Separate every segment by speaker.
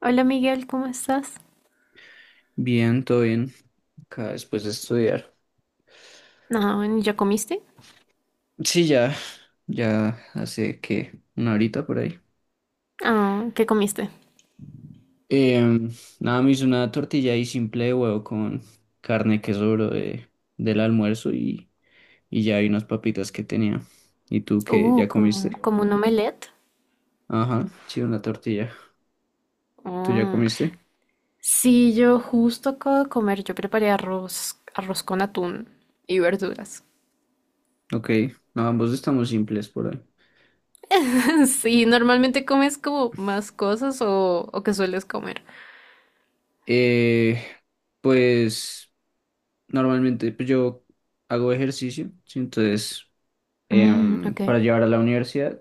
Speaker 1: Hola Miguel, ¿cómo estás?
Speaker 2: Bien, todo bien. Acá después de estudiar.
Speaker 1: No, ¿ya comiste?
Speaker 2: Sí, ya, ya hace que una horita por ahí.
Speaker 1: Ah, ¿qué comiste?
Speaker 2: Em, Nada, me hice una tortilla ahí simple de huevo con carne que sobró del almuerzo y ya hay unas papitas que tenía. ¿Y tú qué? ¿Ya
Speaker 1: Como,
Speaker 2: comiste?
Speaker 1: como un omelette.
Speaker 2: Ajá, sí, una tortilla. ¿Tú ya
Speaker 1: Mm.
Speaker 2: comiste?
Speaker 1: Sí, yo justo acabo de comer, yo preparé arroz con atún y verduras.
Speaker 2: Ok, no, ambos estamos simples por ahí.
Speaker 1: Sí, normalmente comes como más cosas o qué sueles comer.
Speaker 2: Eh, pues normalmente pues, yo hago ejercicio, sí, entonces
Speaker 1: Mm, ok.
Speaker 2: para llevar a la universidad.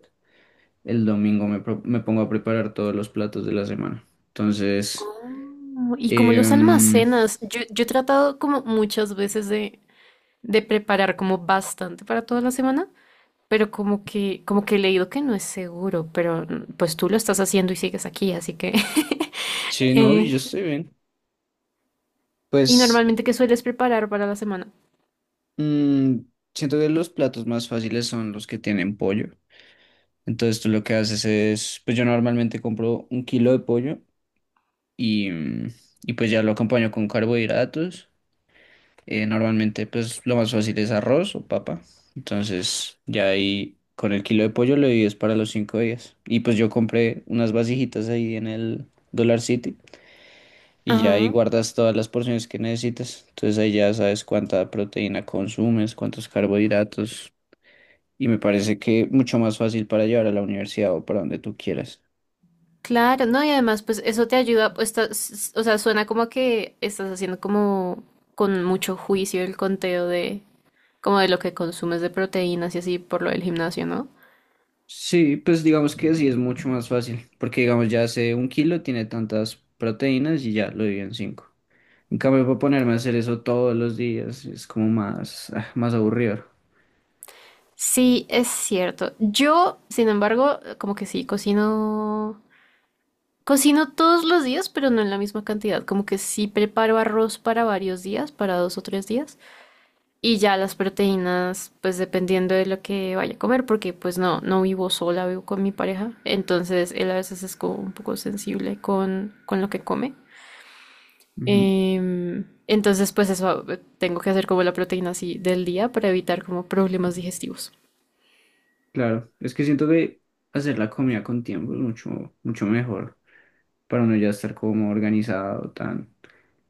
Speaker 2: El domingo me pongo a preparar todos los platos de la semana. Entonces,
Speaker 1: Oh, y como los
Speaker 2: em,
Speaker 1: almacenas, yo he tratado como muchas veces de preparar como bastante para toda la semana. Pero como que he leído que no es seguro, pero pues tú lo estás haciendo y sigues aquí, así que
Speaker 2: sí, no, yo
Speaker 1: eh,
Speaker 2: estoy bien.
Speaker 1: y
Speaker 2: Pues
Speaker 1: normalmente, ¿qué sueles preparar para la semana?
Speaker 2: mm, siento que los platos más fáciles son los que tienen pollo. Entonces tú lo que haces es, pues yo normalmente compro un kilo de pollo y, mm, y pues ya lo acompaño con carbohidratos. Normalmente, pues lo más fácil es arroz o papa. Entonces, ya ahí con el kilo de pollo lo divides para los 5 días. Y pues yo compré unas vasijitas ahí en el Dollar City y ya ahí
Speaker 1: Ajá,
Speaker 2: guardas todas las porciones que necesitas. Entonces ahí ya sabes cuánta proteína consumes, cuántos carbohidratos. Y me parece que mucho más fácil para llevar a la universidad o para donde tú quieras.
Speaker 1: claro, no, y además, pues eso te ayuda, pues, o sea, suena como que estás haciendo como con mucho juicio el conteo de, como de lo que consumes de proteínas y así por lo del gimnasio, ¿no?
Speaker 2: Sí, pues digamos que sí es mucho más fácil, porque digamos ya hace un kilo tiene tantas proteínas y ya lo dividen en cinco. En cambio, para ponerme a hacer eso todos los días es como más aburrido.
Speaker 1: Sí, es cierto. Yo, sin embargo, como que sí, cocino. Cocino todos los días, pero no en la misma cantidad. Como que sí preparo arroz para varios días, para 2 o 3 días. Y ya las proteínas, pues dependiendo de lo que vaya a comer, porque pues no vivo sola, vivo con mi pareja. Entonces él a veces es como un poco sensible con lo que come.
Speaker 2: Ujú,
Speaker 1: Entonces pues eso, tengo que hacer como la proteína así del día para evitar como problemas digestivos.
Speaker 2: claro, es que siento que hacer la comida con tiempo es mucho, mucho mejor para uno ya estar como organizado, tan.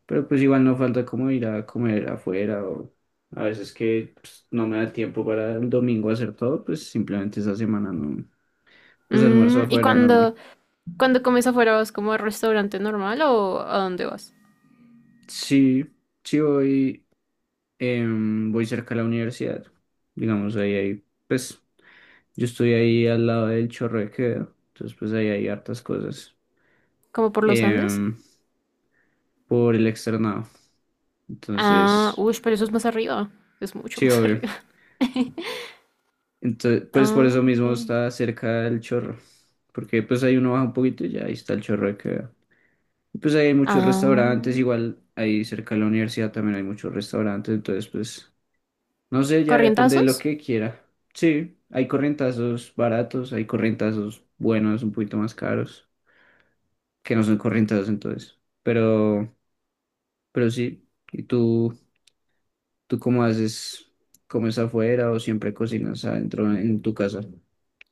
Speaker 2: Pero pues igual no falta como ir a comer afuera o a veces que pues, no me da tiempo para el domingo hacer todo, pues simplemente esa semana no, pues almuerzo
Speaker 1: Mm, ¿y
Speaker 2: afuera normal.
Speaker 1: cuando, cuando comes afuera vas como al restaurante normal o a dónde vas?
Speaker 2: Sí, sí voy, voy cerca a la universidad, digamos pues yo estoy ahí al lado del Chorro de Quevedo, entonces pues ahí hay hartas cosas
Speaker 1: ¿Como por los Andes?
Speaker 2: em, por el Externado,
Speaker 1: Ah,
Speaker 2: entonces
Speaker 1: uy, pero eso es más arriba. Es mucho
Speaker 2: sí,
Speaker 1: más
Speaker 2: obvio.
Speaker 1: arriba.
Speaker 2: Entonces, pues por
Speaker 1: Ah,
Speaker 2: eso
Speaker 1: ok.
Speaker 2: mismo está cerca del Chorro, porque pues ahí uno baja un poquito y ya ahí está el Chorro de Quevedo. Y pues ahí hay muchos
Speaker 1: Ah,
Speaker 2: restaurantes, igual ahí cerca de la universidad también hay muchos restaurantes, entonces pues no sé, ya depende de lo
Speaker 1: ¿corrientazos?
Speaker 2: que quiera. Sí, hay corrientazos baratos, hay corrientazos buenos, un poquito más caros, que no son corrientazos entonces. Pero sí, ¿y tú cómo haces? ¿Comes afuera o siempre cocinas adentro en tu casa?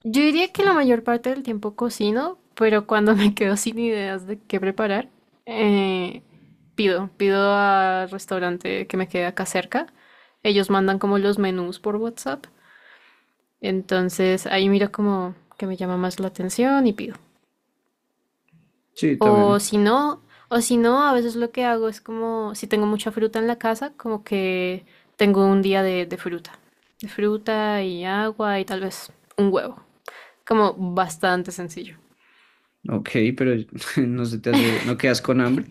Speaker 1: Yo diría que la mayor parte del tiempo cocino, pero cuando me quedo sin ideas de qué preparar, eh, pido al restaurante que me quede acá cerca. Ellos mandan como los menús por WhatsApp. Entonces ahí miro como que me llama más la atención y pido.
Speaker 2: Sí,
Speaker 1: O
Speaker 2: también.
Speaker 1: si no, o si no, a veces lo que hago es como, si tengo mucha fruta en la casa, como que tengo un día de fruta. De fruta y agua y tal vez un huevo. Como bastante sencillo.
Speaker 2: Ok, pero no se te hace, no quedas con hambre.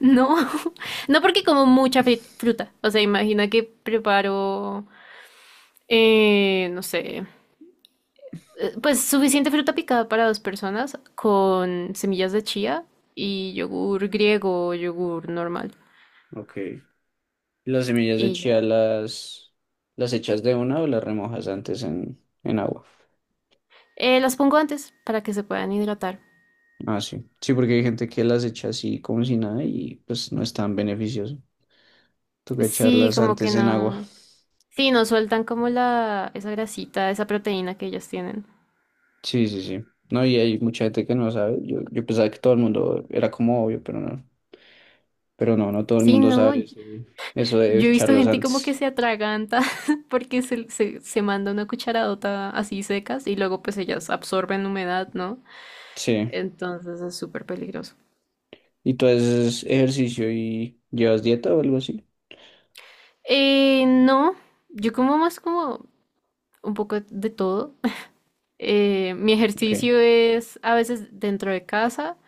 Speaker 1: No, no porque como mucha fruta. O sea, imagina que preparo, no sé, pues suficiente fruta picada para dos personas con semillas de chía y yogur griego o yogur normal.
Speaker 2: Ok. ¿Las semillas de
Speaker 1: Y ya.
Speaker 2: chía las echas de una o las remojas antes en agua?
Speaker 1: Las pongo antes para que se puedan hidratar.
Speaker 2: Ah, sí. Sí, porque hay gente que las echa así como si nada y pues no es tan beneficioso. Toca
Speaker 1: Sí,
Speaker 2: echarlas
Speaker 1: como que
Speaker 2: antes en agua.
Speaker 1: no. Sí, no sueltan como la, esa grasita, esa proteína que ellos tienen.
Speaker 2: Sí, sí, sí. No, y hay mucha gente que no sabe. Yo pensaba que todo el mundo era como obvio, pero no. Pero no, no todo el
Speaker 1: Sí,
Speaker 2: mundo
Speaker 1: no.
Speaker 2: sabe eso de
Speaker 1: Yo he visto
Speaker 2: echarlos
Speaker 1: gente como que
Speaker 2: antes.
Speaker 1: se atraganta porque se manda una cucharadota así secas y luego pues ellas absorben humedad, ¿no?
Speaker 2: Sí.
Speaker 1: Entonces es súper peligroso.
Speaker 2: ¿Y tú haces ejercicio y llevas dieta o algo así?
Speaker 1: No, yo como más como un poco de todo. Mi
Speaker 2: Ok.
Speaker 1: ejercicio es a veces dentro de casa.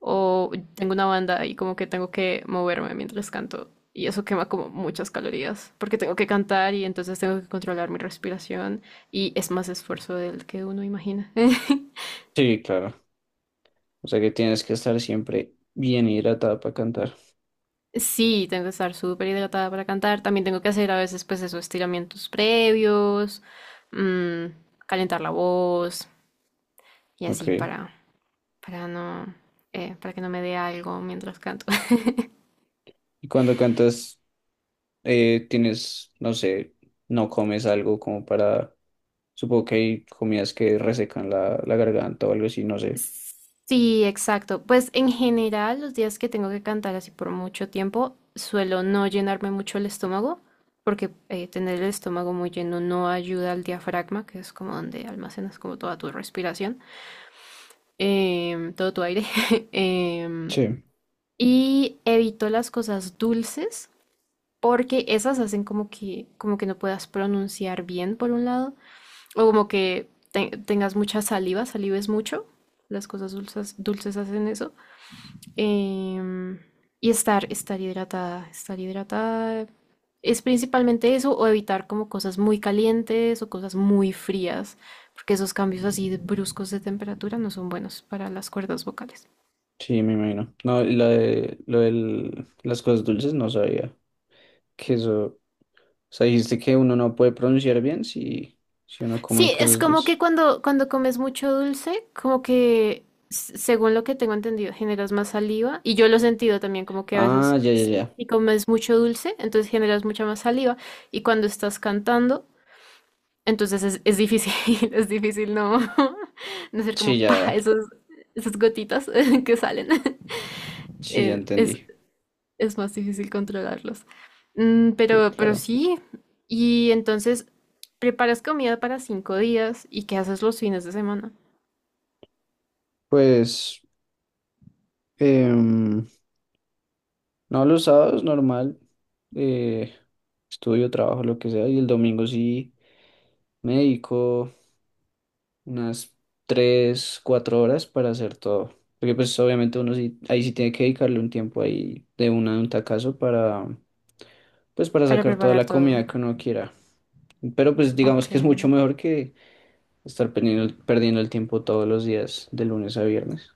Speaker 1: O tengo una banda y como que tengo que moverme mientras canto. Y eso quema como muchas calorías, porque tengo que cantar y entonces tengo que controlar mi respiración y es más esfuerzo del que uno imagina.
Speaker 2: Sí, claro. O sea que tienes que estar siempre bien hidratado para cantar.
Speaker 1: Sí, tengo que estar súper hidratada para cantar. También tengo que hacer a veces pues esos estiramientos previos, mm, calentar la voz y así
Speaker 2: Ok.
Speaker 1: para no, para que no me dé algo mientras canto.
Speaker 2: Y cuando cantas, tienes, no sé, no comes algo como para. Supongo que hay comidas que resecan la garganta o algo así, no sé.
Speaker 1: Sí, exacto. Pues en general, los días que tengo que cantar así por mucho tiempo, suelo no llenarme mucho el estómago, porque tener el estómago muy lleno no ayuda al diafragma, que es como donde almacenas como toda tu respiración, todo tu aire. em,
Speaker 2: Sí,
Speaker 1: y evito las cosas dulces, porque esas hacen como que no puedas pronunciar bien, por un lado, o como que tengas mucha saliva, salives mucho. Las cosas dulces, dulces hacen eso, em, y estar hidratada, estar hidratada es principalmente eso, o evitar como cosas muy calientes o cosas muy frías, porque esos cambios así de bruscos de temperatura no son buenos para las cuerdas vocales.
Speaker 2: sí, me imagino. No, lo del las cosas dulces no sabía que eso. O sea, dijiste que uno no puede pronunciar bien si uno come
Speaker 1: Sí, es
Speaker 2: cosas
Speaker 1: como que
Speaker 2: dulces.
Speaker 1: cuando, cuando comes mucho dulce, como según lo que tengo entendido, generas más saliva, y yo lo he sentido también como que a
Speaker 2: Ah,
Speaker 1: veces.
Speaker 2: ya, ya,
Speaker 1: Si,
Speaker 2: ya.
Speaker 1: si comes mucho dulce, entonces generas mucha más saliva, y cuando estás cantando, entonces es difícil, es difícil no, no ser
Speaker 2: Sí,
Speaker 1: como pa,
Speaker 2: ya,
Speaker 1: esos, esas gotitas que salen.
Speaker 2: sí, ya
Speaker 1: Eh, es,
Speaker 2: entendí.
Speaker 1: es más difícil controlarlos. Mm,
Speaker 2: Sí,
Speaker 1: pero
Speaker 2: claro.
Speaker 1: sí, y entonces preparas comida para 5 días, y qué haces los fines de semana
Speaker 2: Pues, em, no, los sábados normal, eh, estudio, trabajo, lo que sea, y el domingo sí me dedico unas 3, 4 horas para hacer todo. Porque pues obviamente uno sí, ahí sí tiene que dedicarle un tiempo ahí de un tacazo para, pues para
Speaker 1: para
Speaker 2: sacar toda
Speaker 1: preparar
Speaker 2: la
Speaker 1: todo.
Speaker 2: comida que uno quiera. Pero pues
Speaker 1: Ok,
Speaker 2: digamos que es mucho mejor que estar perdiendo, perdiendo el tiempo todos los días, de lunes a viernes.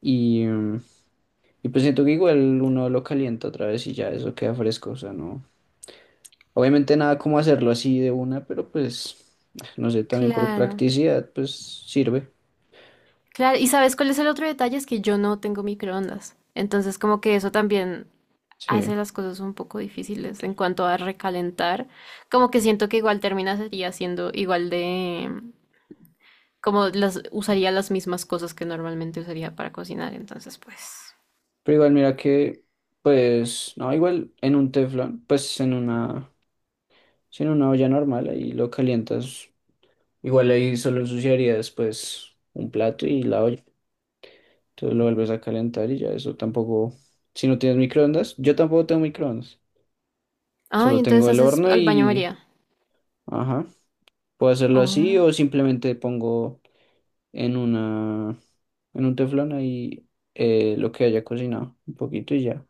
Speaker 2: Y, mm, y pues siento que igual uno lo calienta otra vez y ya eso queda fresco. O sea, no. Obviamente nada como hacerlo así de una, pero pues, no sé, también por
Speaker 1: claro,
Speaker 2: practicidad, pues sirve.
Speaker 1: claro. ¿Y sabes cuál es el otro detalle? Es que yo no tengo microondas. Entonces como que eso también hace
Speaker 2: Sí.
Speaker 1: las cosas un poco difíciles en cuanto a recalentar. Como que siento que igual termina sería siendo igual de, como las usaría las mismas cosas que normalmente usaría para cocinar, entonces pues.
Speaker 2: Pero igual mira que, pues, no, igual en un teflón, pues sí, en una olla normal ahí lo calientas. Igual ahí solo ensuciaría después un plato y la olla. Entonces lo vuelves a calentar y ya eso tampoco. Si no tienes microondas, yo tampoco tengo microondas.
Speaker 1: Ah, y
Speaker 2: Solo
Speaker 1: entonces
Speaker 2: tengo el
Speaker 1: haces
Speaker 2: horno
Speaker 1: al baño
Speaker 2: y.
Speaker 1: María.
Speaker 2: Ajá. Puedo hacerlo así
Speaker 1: Oh.
Speaker 2: o simplemente pongo en una. En un teflón ahí lo que haya cocinado. Un poquito y ya.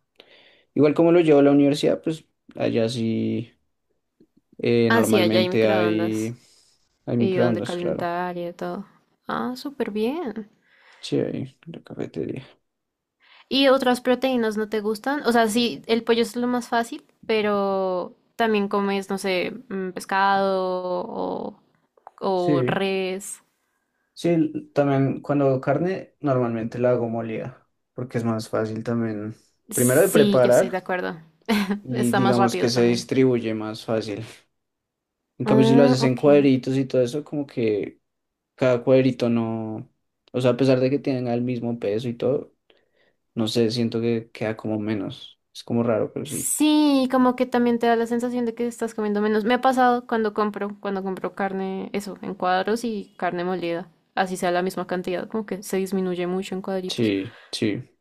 Speaker 2: Igual como lo llevo a la universidad, pues allá sí
Speaker 1: Ah, sí, allá hay
Speaker 2: normalmente
Speaker 1: microondas
Speaker 2: hay
Speaker 1: y donde
Speaker 2: microondas, claro.
Speaker 1: calentar y de todo. Ah, súper bien.
Speaker 2: Sí, hay en la cafetería.
Speaker 1: ¿Y otras proteínas no te gustan? O sea, sí, el pollo es lo más fácil, pero también comes, no sé, pescado o, o
Speaker 2: Sí.
Speaker 1: res.
Speaker 2: Sí, también cuando hago carne, normalmente la hago molida, porque es más fácil también, primero de
Speaker 1: Sí, yo estoy
Speaker 2: preparar
Speaker 1: de acuerdo.
Speaker 2: y
Speaker 1: Está más
Speaker 2: digamos que
Speaker 1: rápido
Speaker 2: se
Speaker 1: también.
Speaker 2: distribuye más fácil. En cambio, si lo
Speaker 1: Ah,
Speaker 2: haces en
Speaker 1: ok.
Speaker 2: cuadritos y todo eso, como que cada cuadrito no, o sea, a pesar de que tenga el mismo peso y todo, no sé, siento que queda como menos. Es como raro, pero sí.
Speaker 1: Sí, como que también te da la sensación de que estás comiendo menos. Me ha pasado cuando compro carne, eso, en cuadros y carne molida. Así sea la misma cantidad, como que se disminuye mucho en cuadritos.
Speaker 2: Sí, sí.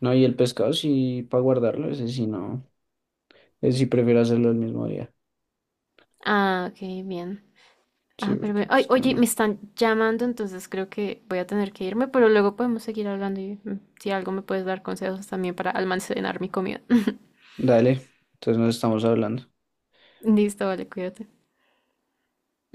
Speaker 2: No, y el pescado sí, para guardarlo, ese sí no. Ese sí prefiero hacerlo el mismo día.
Speaker 1: Ah, ok, bien.
Speaker 2: Sí,
Speaker 1: Ah, pero,
Speaker 2: porque
Speaker 1: ay,
Speaker 2: pescado
Speaker 1: oye, me
Speaker 2: no.
Speaker 1: están llamando, entonces creo que voy a tener que irme, pero luego podemos seguir hablando y si algo me puedes dar consejos también para almacenar mi comida.
Speaker 2: Dale, entonces nos estamos hablando.
Speaker 1: Listo, vale, cuídate.